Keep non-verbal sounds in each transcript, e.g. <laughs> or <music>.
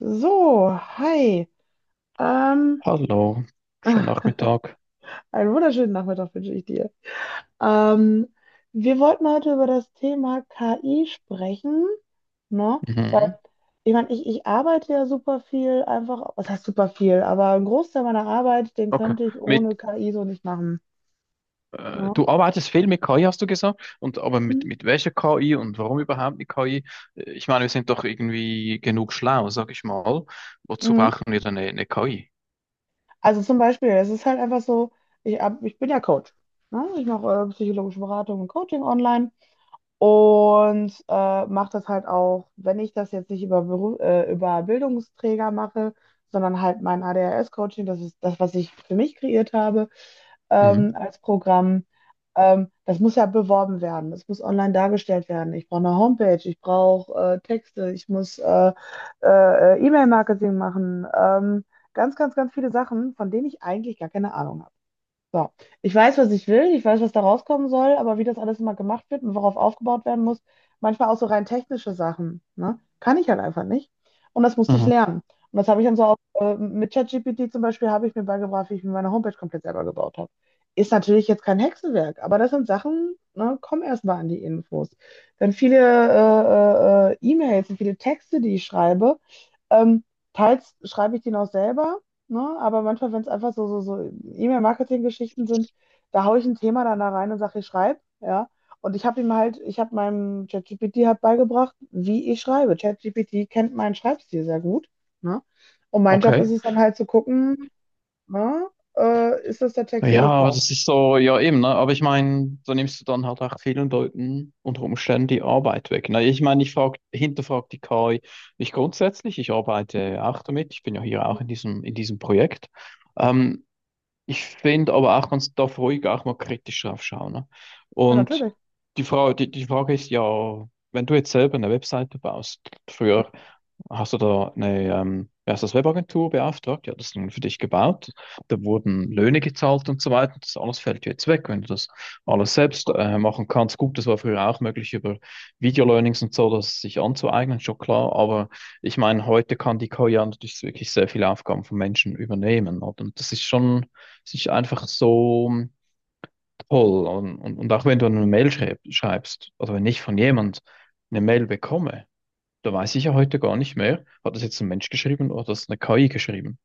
So, hi. Ähm, Hallo, schönen Nachmittag. einen wunderschönen Nachmittag wünsche ich dir. Ähm, Wir wollten heute über das Thema KI sprechen, ne? Weil, Mhm. ich meine, ich arbeite ja super viel einfach, was heißt super viel, aber einen Großteil meiner Arbeit, den Okay. könnte ich ohne Mit, KI so nicht machen, Du ne? arbeitest viel mit KI, hast du gesagt, und aber mit, Mhm. mit welcher KI und warum überhaupt mit KI? Ich meine, wir sind doch irgendwie genug schlau, sag ich mal. Wozu Mhm. brauchen wir dann eine KI? Also zum Beispiel, es ist halt einfach so, ich bin ja Coach, ne? Ich mache psychologische Beratung und Coaching online. Und mache das halt auch, wenn ich das jetzt nicht über Bildungsträger mache, sondern halt mein ADHS-Coaching, das ist das, was ich für mich kreiert habe, Mhm. Als Programm. Das muss ja beworben werden, das muss online dargestellt werden. Ich brauche eine Homepage, ich brauche Texte, ich muss E-Mail-Marketing machen. Ganz viele Sachen, von denen ich eigentlich gar keine Ahnung habe. So, ich weiß, was ich will, ich weiß, was da rauskommen soll, aber wie das alles immer gemacht wird und worauf aufgebaut werden muss, manchmal auch so rein technische Sachen, ne? Kann ich halt einfach nicht. Und das musste ich Mhm. lernen. Und das habe ich dann so auch mit ChatGPT zum Beispiel, habe ich mir beigebracht, wie ich mir meine Homepage komplett selber gebaut habe. Ist natürlich jetzt kein Hexenwerk, aber das sind Sachen, ne, komm erst mal an die Infos. Dann viele E-Mails und viele Texte, die ich schreibe, ähm, teils schreibe ich die noch selber. Ne? Aber manchmal, wenn es einfach so E-Mail-Marketing-Geschichten sind, da haue ich ein Thema dann da rein und sage, ich schreibe, ja. Und ich habe meinem ChatGPT halt beigebracht, wie ich schreibe. ChatGPT kennt meinen Schreibstil sehr gut, ne? Und mein Job Okay. ist es dann halt zu gucken, ne? Ist das der Text, den Ja, ich aber brauche? das ist so, ja eben, ne? Aber ich meine, da nimmst du dann halt auch vielen Leuten unter Umständen die Arbeit weg. Ne? Ich meine, hinterfrag die KI nicht grundsätzlich, ich arbeite auch damit, ich bin ja hier Ja, auch in diesem Projekt. Ähm, ich finde aber auch, man darf ruhig auch mal kritisch drauf schauen. Ne? Und natürlich. die Frage, die Frage ist ja, wenn du jetzt selber eine Webseite baust. Früher hast du da eine, wie heißt das, Webagentur beauftragt? Ja, das dann für dich gebaut. Da wurden Löhne gezahlt und so weiter. Das alles fällt dir jetzt weg, wenn du das alles selbst machen kannst. Gut, das war früher auch möglich über Video-Learnings und so, das sich anzueignen, schon klar. Aber ich meine, heute kann die KI ja natürlich wirklich sehr viele Aufgaben von Menschen übernehmen. Oder? Und das ist schon, das ist einfach so toll. Und auch wenn du eine Mail schreibst, oder wenn ich von jemand eine Mail bekomme, da weiß ich ja heute gar nicht mehr. Hat das jetzt ein Mensch geschrieben oder hat das eine KI geschrieben?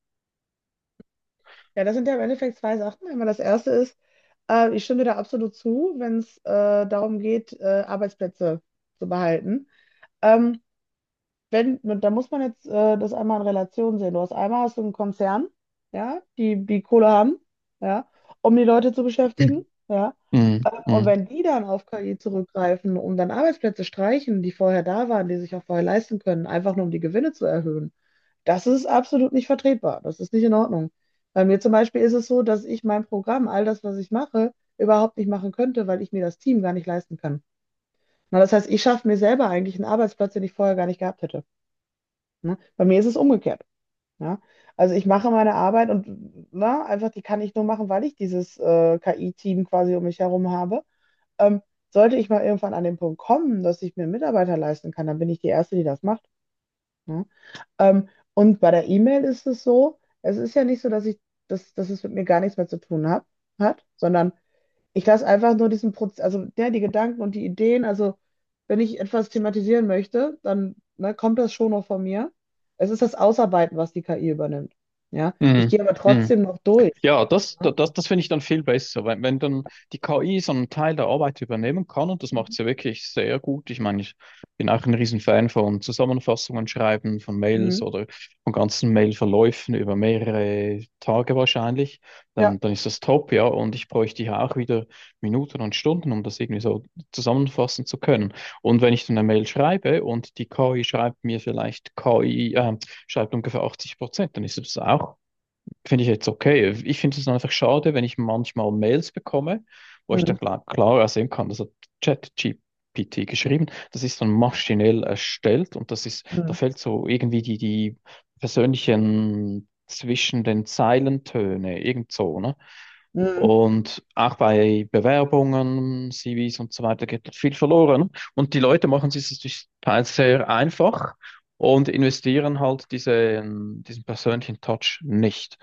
Ja, das sind ja im Endeffekt zwei Sachen. Einmal das erste ist, ich stimme dir da absolut zu, wenn es darum geht, Arbeitsplätze zu behalten. Ähm, wenn, da muss man jetzt das einmal in Relation sehen. Du hast einmal hast du einen Konzern, ja, die die Kohle haben, ja, um die Leute zu beschäftigen, <clears throat> ja. Mm, Und mm, wenn die dann auf KI zurückgreifen und dann Arbeitsplätze streichen, die vorher da waren, die sich auch vorher leisten können, einfach nur um die Gewinne zu erhöhen, das ist absolut nicht vertretbar. Das ist nicht in Ordnung. Bei mir zum Beispiel ist es so, dass ich mein Programm, all das, was ich mache, überhaupt nicht machen könnte, weil ich mir das Team gar nicht leisten kann. Na, das heißt, ich schaffe mir selber eigentlich einen Arbeitsplatz, den ich vorher gar nicht gehabt hätte. Ne? Bei mir ist es umgekehrt. Ja? Also ich mache meine Arbeit und na, einfach die kann ich nur machen, weil ich dieses KI-Team quasi um mich herum habe. Ähm, sollte ich mal irgendwann an den Punkt kommen, dass ich mir einen Mitarbeiter leisten kann, dann bin ich die Erste, die das macht. Ne? Und bei der E-Mail ist es so, es ist ja nicht so, dass es mit mir gar nichts mehr zu tun hat, sondern ich lasse einfach nur diesen Prozess, also der, die Gedanken und die Ideen, also wenn ich etwas thematisieren möchte, dann ne, kommt das schon noch von mir. Es ist das Ausarbeiten, was die KI übernimmt. Ja, ich mm, gehe aber mm. trotzdem noch durch. Ja, Ne? Das, finde ich dann viel besser, wenn dann die KI so einen Teil der Arbeit übernehmen kann, und das macht Mhm. sie wirklich sehr gut. Ich meine, ich bin auch ein Riesenfan von Zusammenfassungen schreiben, von Mails Mhm. oder von ganzen Mailverläufen über mehrere Tage wahrscheinlich. Ja. Dann ist das top, ja. Und ich bräuchte ja auch wieder Minuten und Stunden, um das irgendwie so zusammenfassen zu können. Und wenn ich dann eine Mail schreibe und die KI schreibt mir vielleicht schreibt ungefähr 80%, dann ist das auch, finde ich, jetzt okay. Ich finde es einfach schade, wenn ich manchmal Mails bekomme, wo ich Mhm. dann klarer sehen kann, das hat ChatGPT geschrieben, das ist dann Ja. maschinell erstellt, und das ist, da Mhm. fällt so irgendwie die persönlichen zwischen den Zeilentöne, irgend so, ne? Mhm. Und auch bei Bewerbungen, CVs und so weiter geht viel verloren. Und die Leute machen sich das teils sehr einfach und investieren halt diesen persönlichen Touch nicht.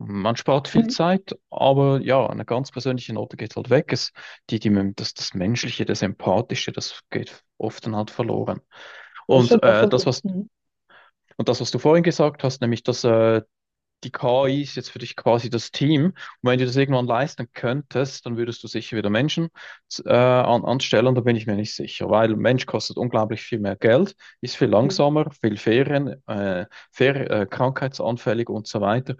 Man spart viel Mhm. Zeit, aber ja, eine ganz persönliche Note geht halt weg. Es, Das Menschliche, das Empathische, das geht oft dann halt verloren. Das Und stimmt, das äh, stimmt. das, was, Mhm. und das, was du vorhin gesagt hast, nämlich, dass die KI ist jetzt für dich quasi das Team. Und wenn du das irgendwann leisten könntest, dann würdest du sicher wieder Menschen anstellen. Da bin ich mir nicht sicher, weil Mensch kostet unglaublich viel mehr Geld, ist viel Mhm. langsamer, krankheitsanfällig und so weiter.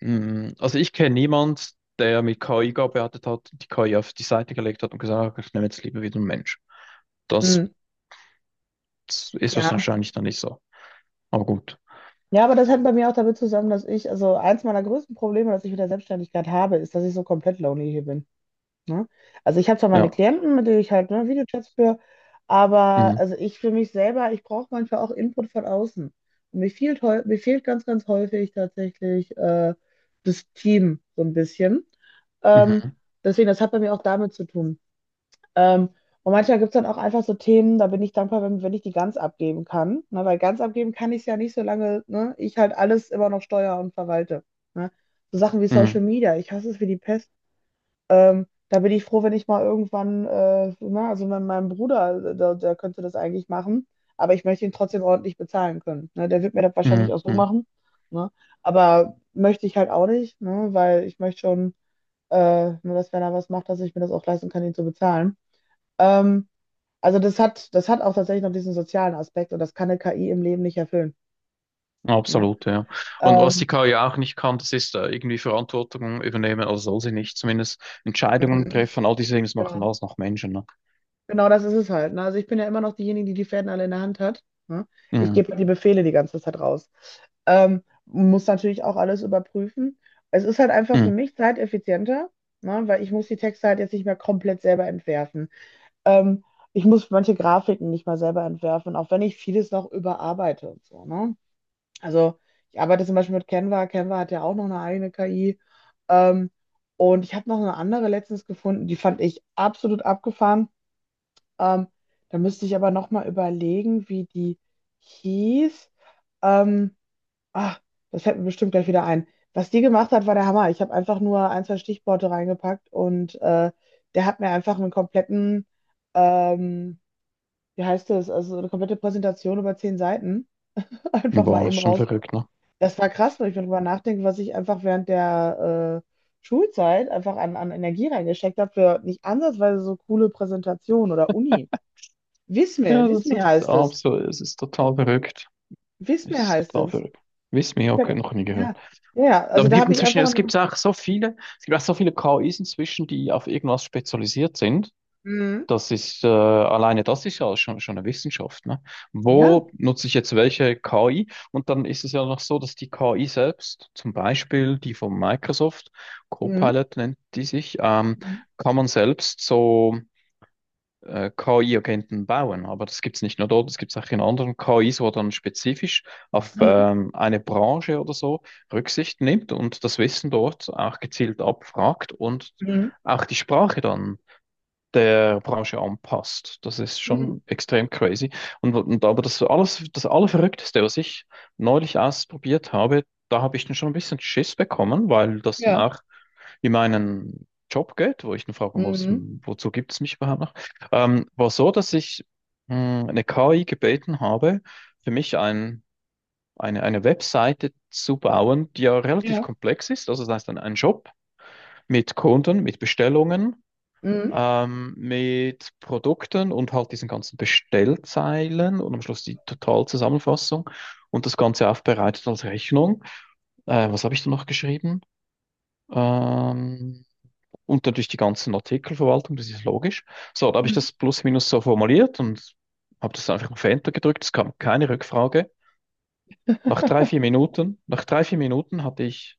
Also ich kenne niemand, der mit KI gearbeitet hat, die KI auf die Seite gelegt hat und gesagt hat, ich nehme jetzt lieber wieder einen Mensch. Das Mhm. ist Ja. wahrscheinlich dann nicht so. Aber gut. Ja, aber das hängt bei mir auch damit zusammen, dass ich, also eins meiner größten Probleme, das ich mit der Selbstständigkeit habe, ist, dass ich so komplett lonely hier bin. Ne? Also ich habe zwar meine Ja. Klienten, mit denen ich halt ne, Videochats führe, aber Mhm. also ich für mich selber, ich brauche manchmal auch Input von außen. Und mir fehlt ganz, häufig tatsächlich das Team so ein bisschen. Ähm, Mhm. deswegen, das hat bei mir auch damit zu tun. Ähm, und manchmal gibt es dann auch einfach so Themen, da bin ich dankbar, wenn ich die ganz abgeben kann. Ne? Weil ganz abgeben kann ich es ja nicht, solange ne, ich halt alles immer noch steuere und verwalte. Ne? So Sachen wie Social Mhm. Media, ich hasse es wie die Pest. Da bin ich froh, wenn ich mal irgendwann, also mein Bruder, der könnte das eigentlich machen, aber ich möchte ihn trotzdem ordentlich bezahlen können. Ne? Der wird mir das wahrscheinlich Mhm. auch so Mhm. machen. Ne? Aber möchte ich halt auch nicht, ne? Weil ich möchte schon, nur dass wenn er was macht, dass ich mir das auch leisten kann, ihn zu bezahlen. Ähm, das hat auch tatsächlich noch diesen sozialen Aspekt und das kann eine KI im Leben nicht erfüllen. Ne? Absolut, ja. Und was Ähm, die KI auch nicht kann, das ist irgendwie Verantwortung übernehmen, also soll sie nicht, zumindest Entscheidungen mhm, treffen, all diese Dinge, das machen genau. alles noch Menschen, ne? Genau das ist es halt. Ne? Also ich bin ja immer noch diejenige, die die Fäden alle in der Hand hat. Ne? Ich Mhm. gebe halt die Befehle die ganze Zeit raus. Muss natürlich auch alles überprüfen. Es ist halt einfach für Mhm. mich zeiteffizienter, ne? Weil ich muss die Texte halt jetzt nicht mehr komplett selber entwerfen. Ähm, ich muss manche Grafiken nicht mal selber entwerfen, auch wenn ich vieles noch überarbeite und so, ne? Also ich arbeite zum Beispiel mit Canva. Canva hat ja auch noch eine eigene KI. Ähm, und ich habe noch eine andere letztens gefunden, die fand ich absolut abgefahren. Ähm, da müsste ich aber nochmal überlegen, wie die hieß. Ähm, ah, das fällt mir bestimmt gleich wieder ein. Was die gemacht hat, war der Hammer. Ich habe einfach nur ein, zwei Stichworte reingepackt und der hat mir einfach einen kompletten, ähm, wie heißt das, also eine komplette Präsentation über 10 Seiten <laughs> einfach mal Boah, ist eben schon raus. verrückt, ne? Das war krass, wenn ich darüber nachdenke, was ich einfach während der Schulzeit einfach an Energie reingesteckt habe für nicht ansatzweise so coole Präsentationen oder Uni. Ja, das Wismir ist heißt es. absolut, es ist total verrückt. Es Wismir ist heißt total es. verrückt. Wiss mir, Ich okay, hab, noch nie gehört. ja, ja, Aber also es da gibt habe ich inzwischen, einfach nur. Es gibt auch so viele KIs inzwischen, die auf irgendwas spezialisiert sind. Mhm. Das ist, alleine das ist ja schon eine Wissenschaft, ne? Ja. Wo nutze ich jetzt welche KI? Und dann ist es ja noch so, dass die KI selbst, zum Beispiel die von Microsoft, Mhm. Copilot nennt die sich, Mhm. kann man selbst so KI-Agenten bauen. Aber das gibt es nicht nur dort, das gibt es auch in anderen KIs, wo dann spezifisch auf Mhm. Eine Branche oder so Rücksicht nimmt und das Wissen dort auch gezielt abfragt und Mhm. auch die Sprache dann der Branche anpasst. Das ist Mhm. schon extrem crazy. Und aber das alles, das Allerverrückteste, was ich neulich ausprobiert habe, da habe ich dann schon ein bisschen Schiss bekommen, weil das dann Ja. auch in meinen Job geht, wo ich dann fragen muss: Mhm. "Hm, wozu gibt es mich überhaupt noch?" War so, dass ich eine KI gebeten habe, für mich eine Webseite zu bauen, die ja relativ Ja. komplex ist. Also das heißt, ein Shop mit Kunden, mit Bestellungen, Mhm. Mit Produkten und halt diesen ganzen Bestellzeilen und am Schluss die Totalzusammenfassung, und das Ganze aufbereitet als Rechnung. Was habe ich da noch geschrieben? Ähm, und natürlich die ganzen Artikelverwaltung, das ist logisch. So, da habe ich Mhm. das plus minus so formuliert und habe das einfach auf Enter gedrückt. Es kam keine Rückfrage. Nach drei, vier Minuten hatte ich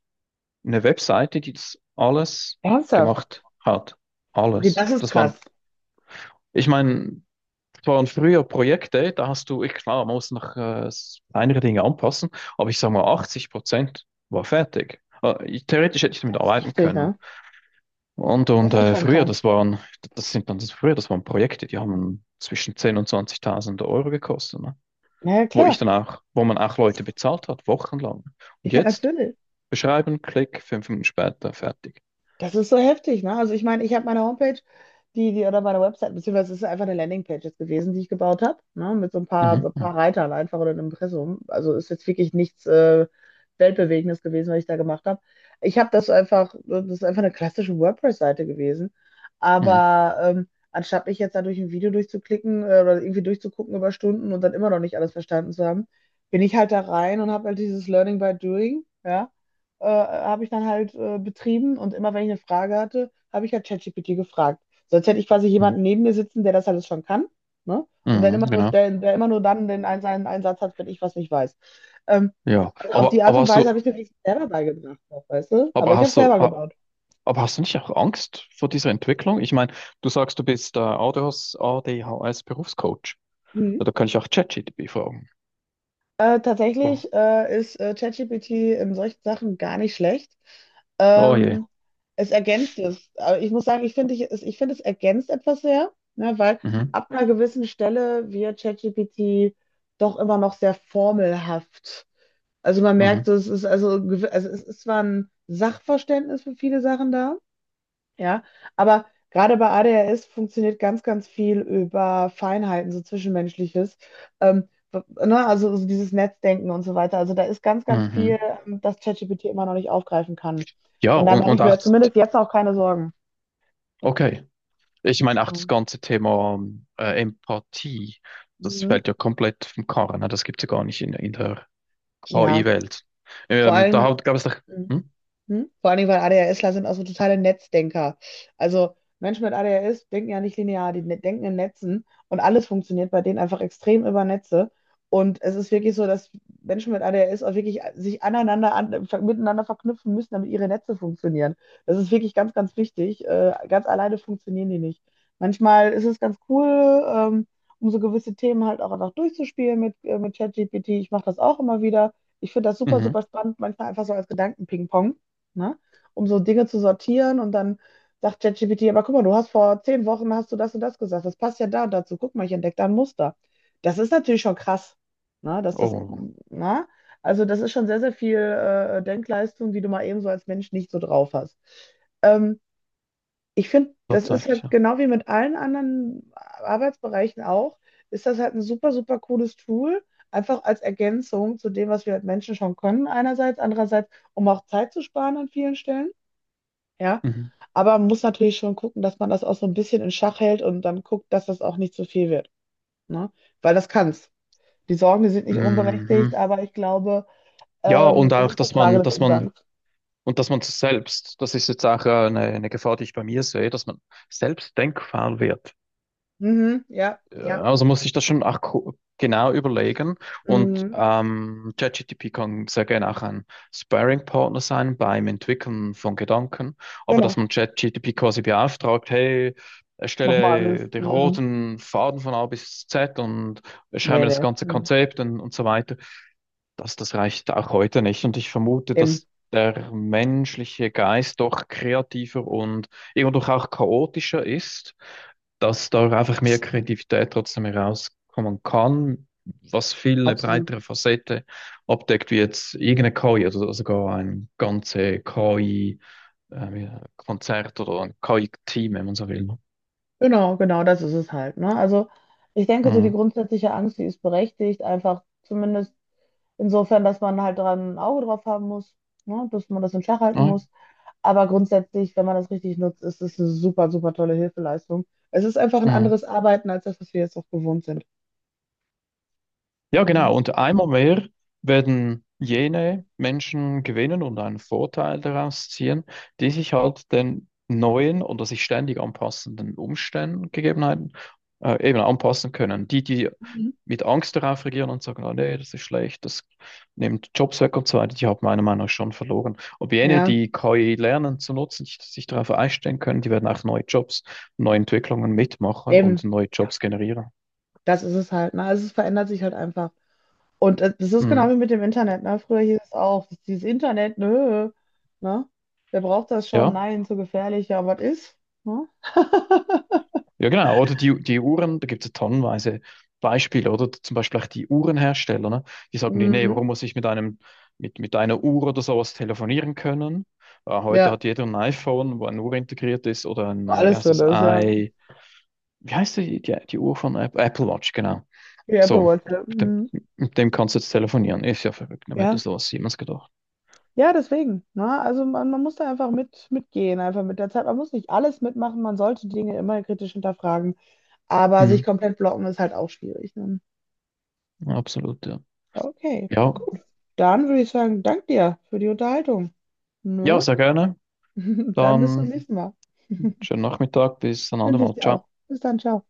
eine Webseite, die das alles Ernsthaft. gemacht hat. Okay, Alles. das ist Das krass. waren, ich meine, Es waren früher Projekte, da hast du, ich, klar, man muss noch kleinere Dinge anpassen, aber ich sage mal, 80% war fertig. Theoretisch hätte ich damit Das ist arbeiten heftig, können. ne? Und, Das und ist schon früher, krass. das waren, das sind dann das früher, das waren Projekte, die haben zwischen 10.000 und 20.000 Euro gekostet, ne? Na ja, Wo klar. ich dann auch, wo man auch Leute bezahlt hat, wochenlang. Und Ja, jetzt natürlich. beschreiben, klick, 5 Minuten später, fertig. Das ist so heftig, ne? Also ich meine, ich habe meine Homepage, oder meine Website, beziehungsweise es ist einfach eine Landingpage jetzt gewesen, die ich gebaut habe, ne? Mit so Mhm, ein paar mhm, Reitern einfach oder einem Impressum. Also ist jetzt wirklich nichts Weltbewegendes gewesen, was ich da gemacht habe. Ich habe das einfach, das ist einfach eine klassische WordPress-Seite gewesen. mhm, Aber anstatt mich jetzt da durch ein Video durchzuklicken oder irgendwie durchzugucken über Stunden und dann immer noch nicht alles verstanden zu haben, bin ich halt da rein und habe halt dieses Learning by Doing, ja, habe ich dann halt betrieben und immer wenn ich eine Frage hatte, habe ich halt ChatGPT gefragt. Sonst hätte ich quasi mhm, jemanden neben mir sitzen, der das alles schon kann, ne? Und dann mhm, immer nur, genau. der immer nur dann den einen, seinen Einsatz hat, wenn ich was nicht weiß. Ähm, Ja, also auf die Art und Weise habe ich mir das selber beigebracht, weißt du? Aber aber ich habe es hast du, selber Aber gebaut. hast du nicht auch Angst vor dieser Entwicklung? Ich meine, du sagst, du bist ADHS, ADHS-Berufscoach. Mhm. Ja, da kann ich auch ChatGPT fragen. Oh, Tatsächlich ist ChatGPT in solchen Sachen gar nicht schlecht. oh je. Ähm, es ergänzt es. Aber ich muss sagen, ich finde, es ergänzt etwas sehr, ne, weil Mhm. ab einer gewissen Stelle wird ChatGPT doch immer noch sehr formelhaft. Also man merkt, Mhm. es ist also, gewi- also es ist zwar ein Sachverständnis für viele Sachen da, ja, aber gerade bei ADHS funktioniert ganz viel über Feinheiten, so Zwischenmenschliches. Ähm, w- ne, also dieses Netzdenken und so weiter. Also da ist ganz Mhm. viel, das ChatGPT immer noch nicht aufgreifen kann. Ja, Und da und, mache ich und mir auch, zumindest jetzt auch keine Sorgen. okay. Ich meine, auch das Mhm. ganze Thema Empathie, das Mhm. fällt ja komplett vom Karren. Ne? Das gibt es ja gar nicht in, der Ja, KI-Welt. vor Ähm, da allem. hat- gab es doch. Hm? Hm? Vor allen Dingen, weil ADHSler sind auch so totale Netzdenker. Also Menschen mit ADHS denken ja nicht linear, denken in Netzen und alles funktioniert bei denen einfach extrem über Netze. Und es ist wirklich so, dass Menschen mit ADHS auch wirklich sich miteinander verknüpfen müssen, damit ihre Netze funktionieren. Das ist wirklich ganz wichtig. Ganz alleine funktionieren die nicht. Manchmal ist es ganz cool, ähm, um so gewisse Themen halt auch einfach durchzuspielen mit ChatGPT. Ich mache das auch immer wieder. Ich finde das super, Mhm. super spannend, manchmal einfach so als Gedanken-Ping-Pong, ne? Um so Dinge zu sortieren und dann sagt ChatGPT, aber guck mal, du hast vor 10 Wochen hast du das und das gesagt. Das passt ja da und dazu. Guck mal, ich entdecke da ein Muster. Das ist natürlich schon krass, ne? Oh, ne? Also das ist schon sehr, sehr viel Denkleistung, die du mal eben so als Mensch nicht so drauf hast. Ähm, ich finde, das ist tatsächlich, halt ja. genau wie mit allen anderen Arbeitsbereichen auch, ist das halt ein super, super cooles Tool, einfach als Ergänzung zu dem, was wir als Menschen schon können, einerseits, andererseits, um auch Zeit zu sparen an vielen Stellen. Ja, Mhm. aber man muss natürlich schon gucken, dass man das auch so ein bisschen in Schach hält und dann guckt, dass das auch nicht zu viel wird. Ne? Weil das kann's. Die Sorgen, die sind nicht Mhm. unberechtigt, aber ich glaube, Ja, und es auch, ist eine Frage des dass man Umgangs. und dass man selbst, das ist jetzt auch eine Gefahr, die ich bei mir sehe, dass man selbst denkfaul wird. Mhm, ja, Äh, ja. Also muss ich das schon auch genau überlegen. Und Mhm, ChatGPT kann sehr gerne auch ein Sparring-Partner sein beim Entwickeln von Gedanken. Aber dass genau. man ChatGPT quasi beauftragt: Hey, Mach mal alles. erstelle den Mhm. roten Faden von A bis Z und Nee, schreibe das nee. ganze Mhm. Konzept, und so weiter. Das reicht auch heute nicht. Und ich vermute, Eben. dass der menschliche Geist doch kreativer und irgendwo auch chaotischer ist, dass da einfach mehr Kreativität trotzdem herauskommen kann, was viel eine Absolut. breitere Facette abdeckt, wie jetzt irgendeine KI, also sogar ein ganze KI-Konzert oder ein KI-Team, wenn man so will. Genau, genau, das ist es halt. Ne? Also ich denke, so die Mhm. grundsätzliche Angst, die ist berechtigt, einfach zumindest insofern, dass man halt dran ein Auge drauf haben muss, ne? Dass man das in Schach halten Ja. muss. Aber grundsätzlich, wenn man das richtig nutzt, ist es eine super, super tolle Hilfeleistung. Es ist einfach ein Mhm. anderes Arbeiten als das, was wir jetzt auch gewohnt sind. Ja, Ne? genau. Und einmal mehr werden jene Menschen gewinnen und einen Vorteil daraus ziehen, die sich halt den neuen oder sich ständig anpassenden Umständen, Gegebenheiten eben anpassen können. Die, die Mhm. mit Angst darauf reagieren und sagen, ah, nee, das ist schlecht, das nimmt Jobs weg und so weiter, die haben meiner Meinung nach schon verloren. Ob jene, Ja, die KI lernen zu nutzen, sich darauf einstellen können, die werden auch neue Jobs, neue Entwicklungen mitmachen und eben. neue Jobs generieren. Das ist es halt. Ne? Also es verändert sich halt einfach. Und das ist genau Mhm. wie mit dem Internet. Ne? Früher hieß es auch, dieses Internet, nö. Ne? Wer braucht das schon? Ja. Nein, zu gefährlich. Ja, was ist? Ne? <laughs> Ja, genau. Oder die Uhren, da gibt es ja tonnenweise Beispiele, oder? Zum Beispiel auch die Uhrenhersteller, ne? Die sagen dir, nee, Mhm. warum muss ich mit einem, mit einer Uhr oder sowas telefonieren können? Heute Ja, hat jeder ein iPhone, wo eine Uhr integriert ist, oder ein, wie alles heißt drin das, ist, ja. Wie heißt die Uhr von Apple Watch, genau. Die So, Apple Watch. Ja. mit dem, Mhm. mit dem kannst du jetzt telefonieren. Ist ja verrückt, wer hätte Ja. sowas jemals gedacht. Ja, deswegen. Ne? Also man muss da einfach mitgehen, einfach mit der Zeit. Man muss nicht alles mitmachen, man sollte die Dinge immer kritisch hinterfragen, aber sich Hm, komplett blocken ist halt auch schwierig. Ne? Absolut, ja. Okay, Ja, gut. Dann würde ich sagen, dank dir für die Unterhaltung. ja, Ne? sehr gerne. <laughs> Dann bis zum Dann nächsten Mal. schönen Nachmittag, bis ein Wünsche ich andermal. dir Ciao. auch. Bis dann, ciao.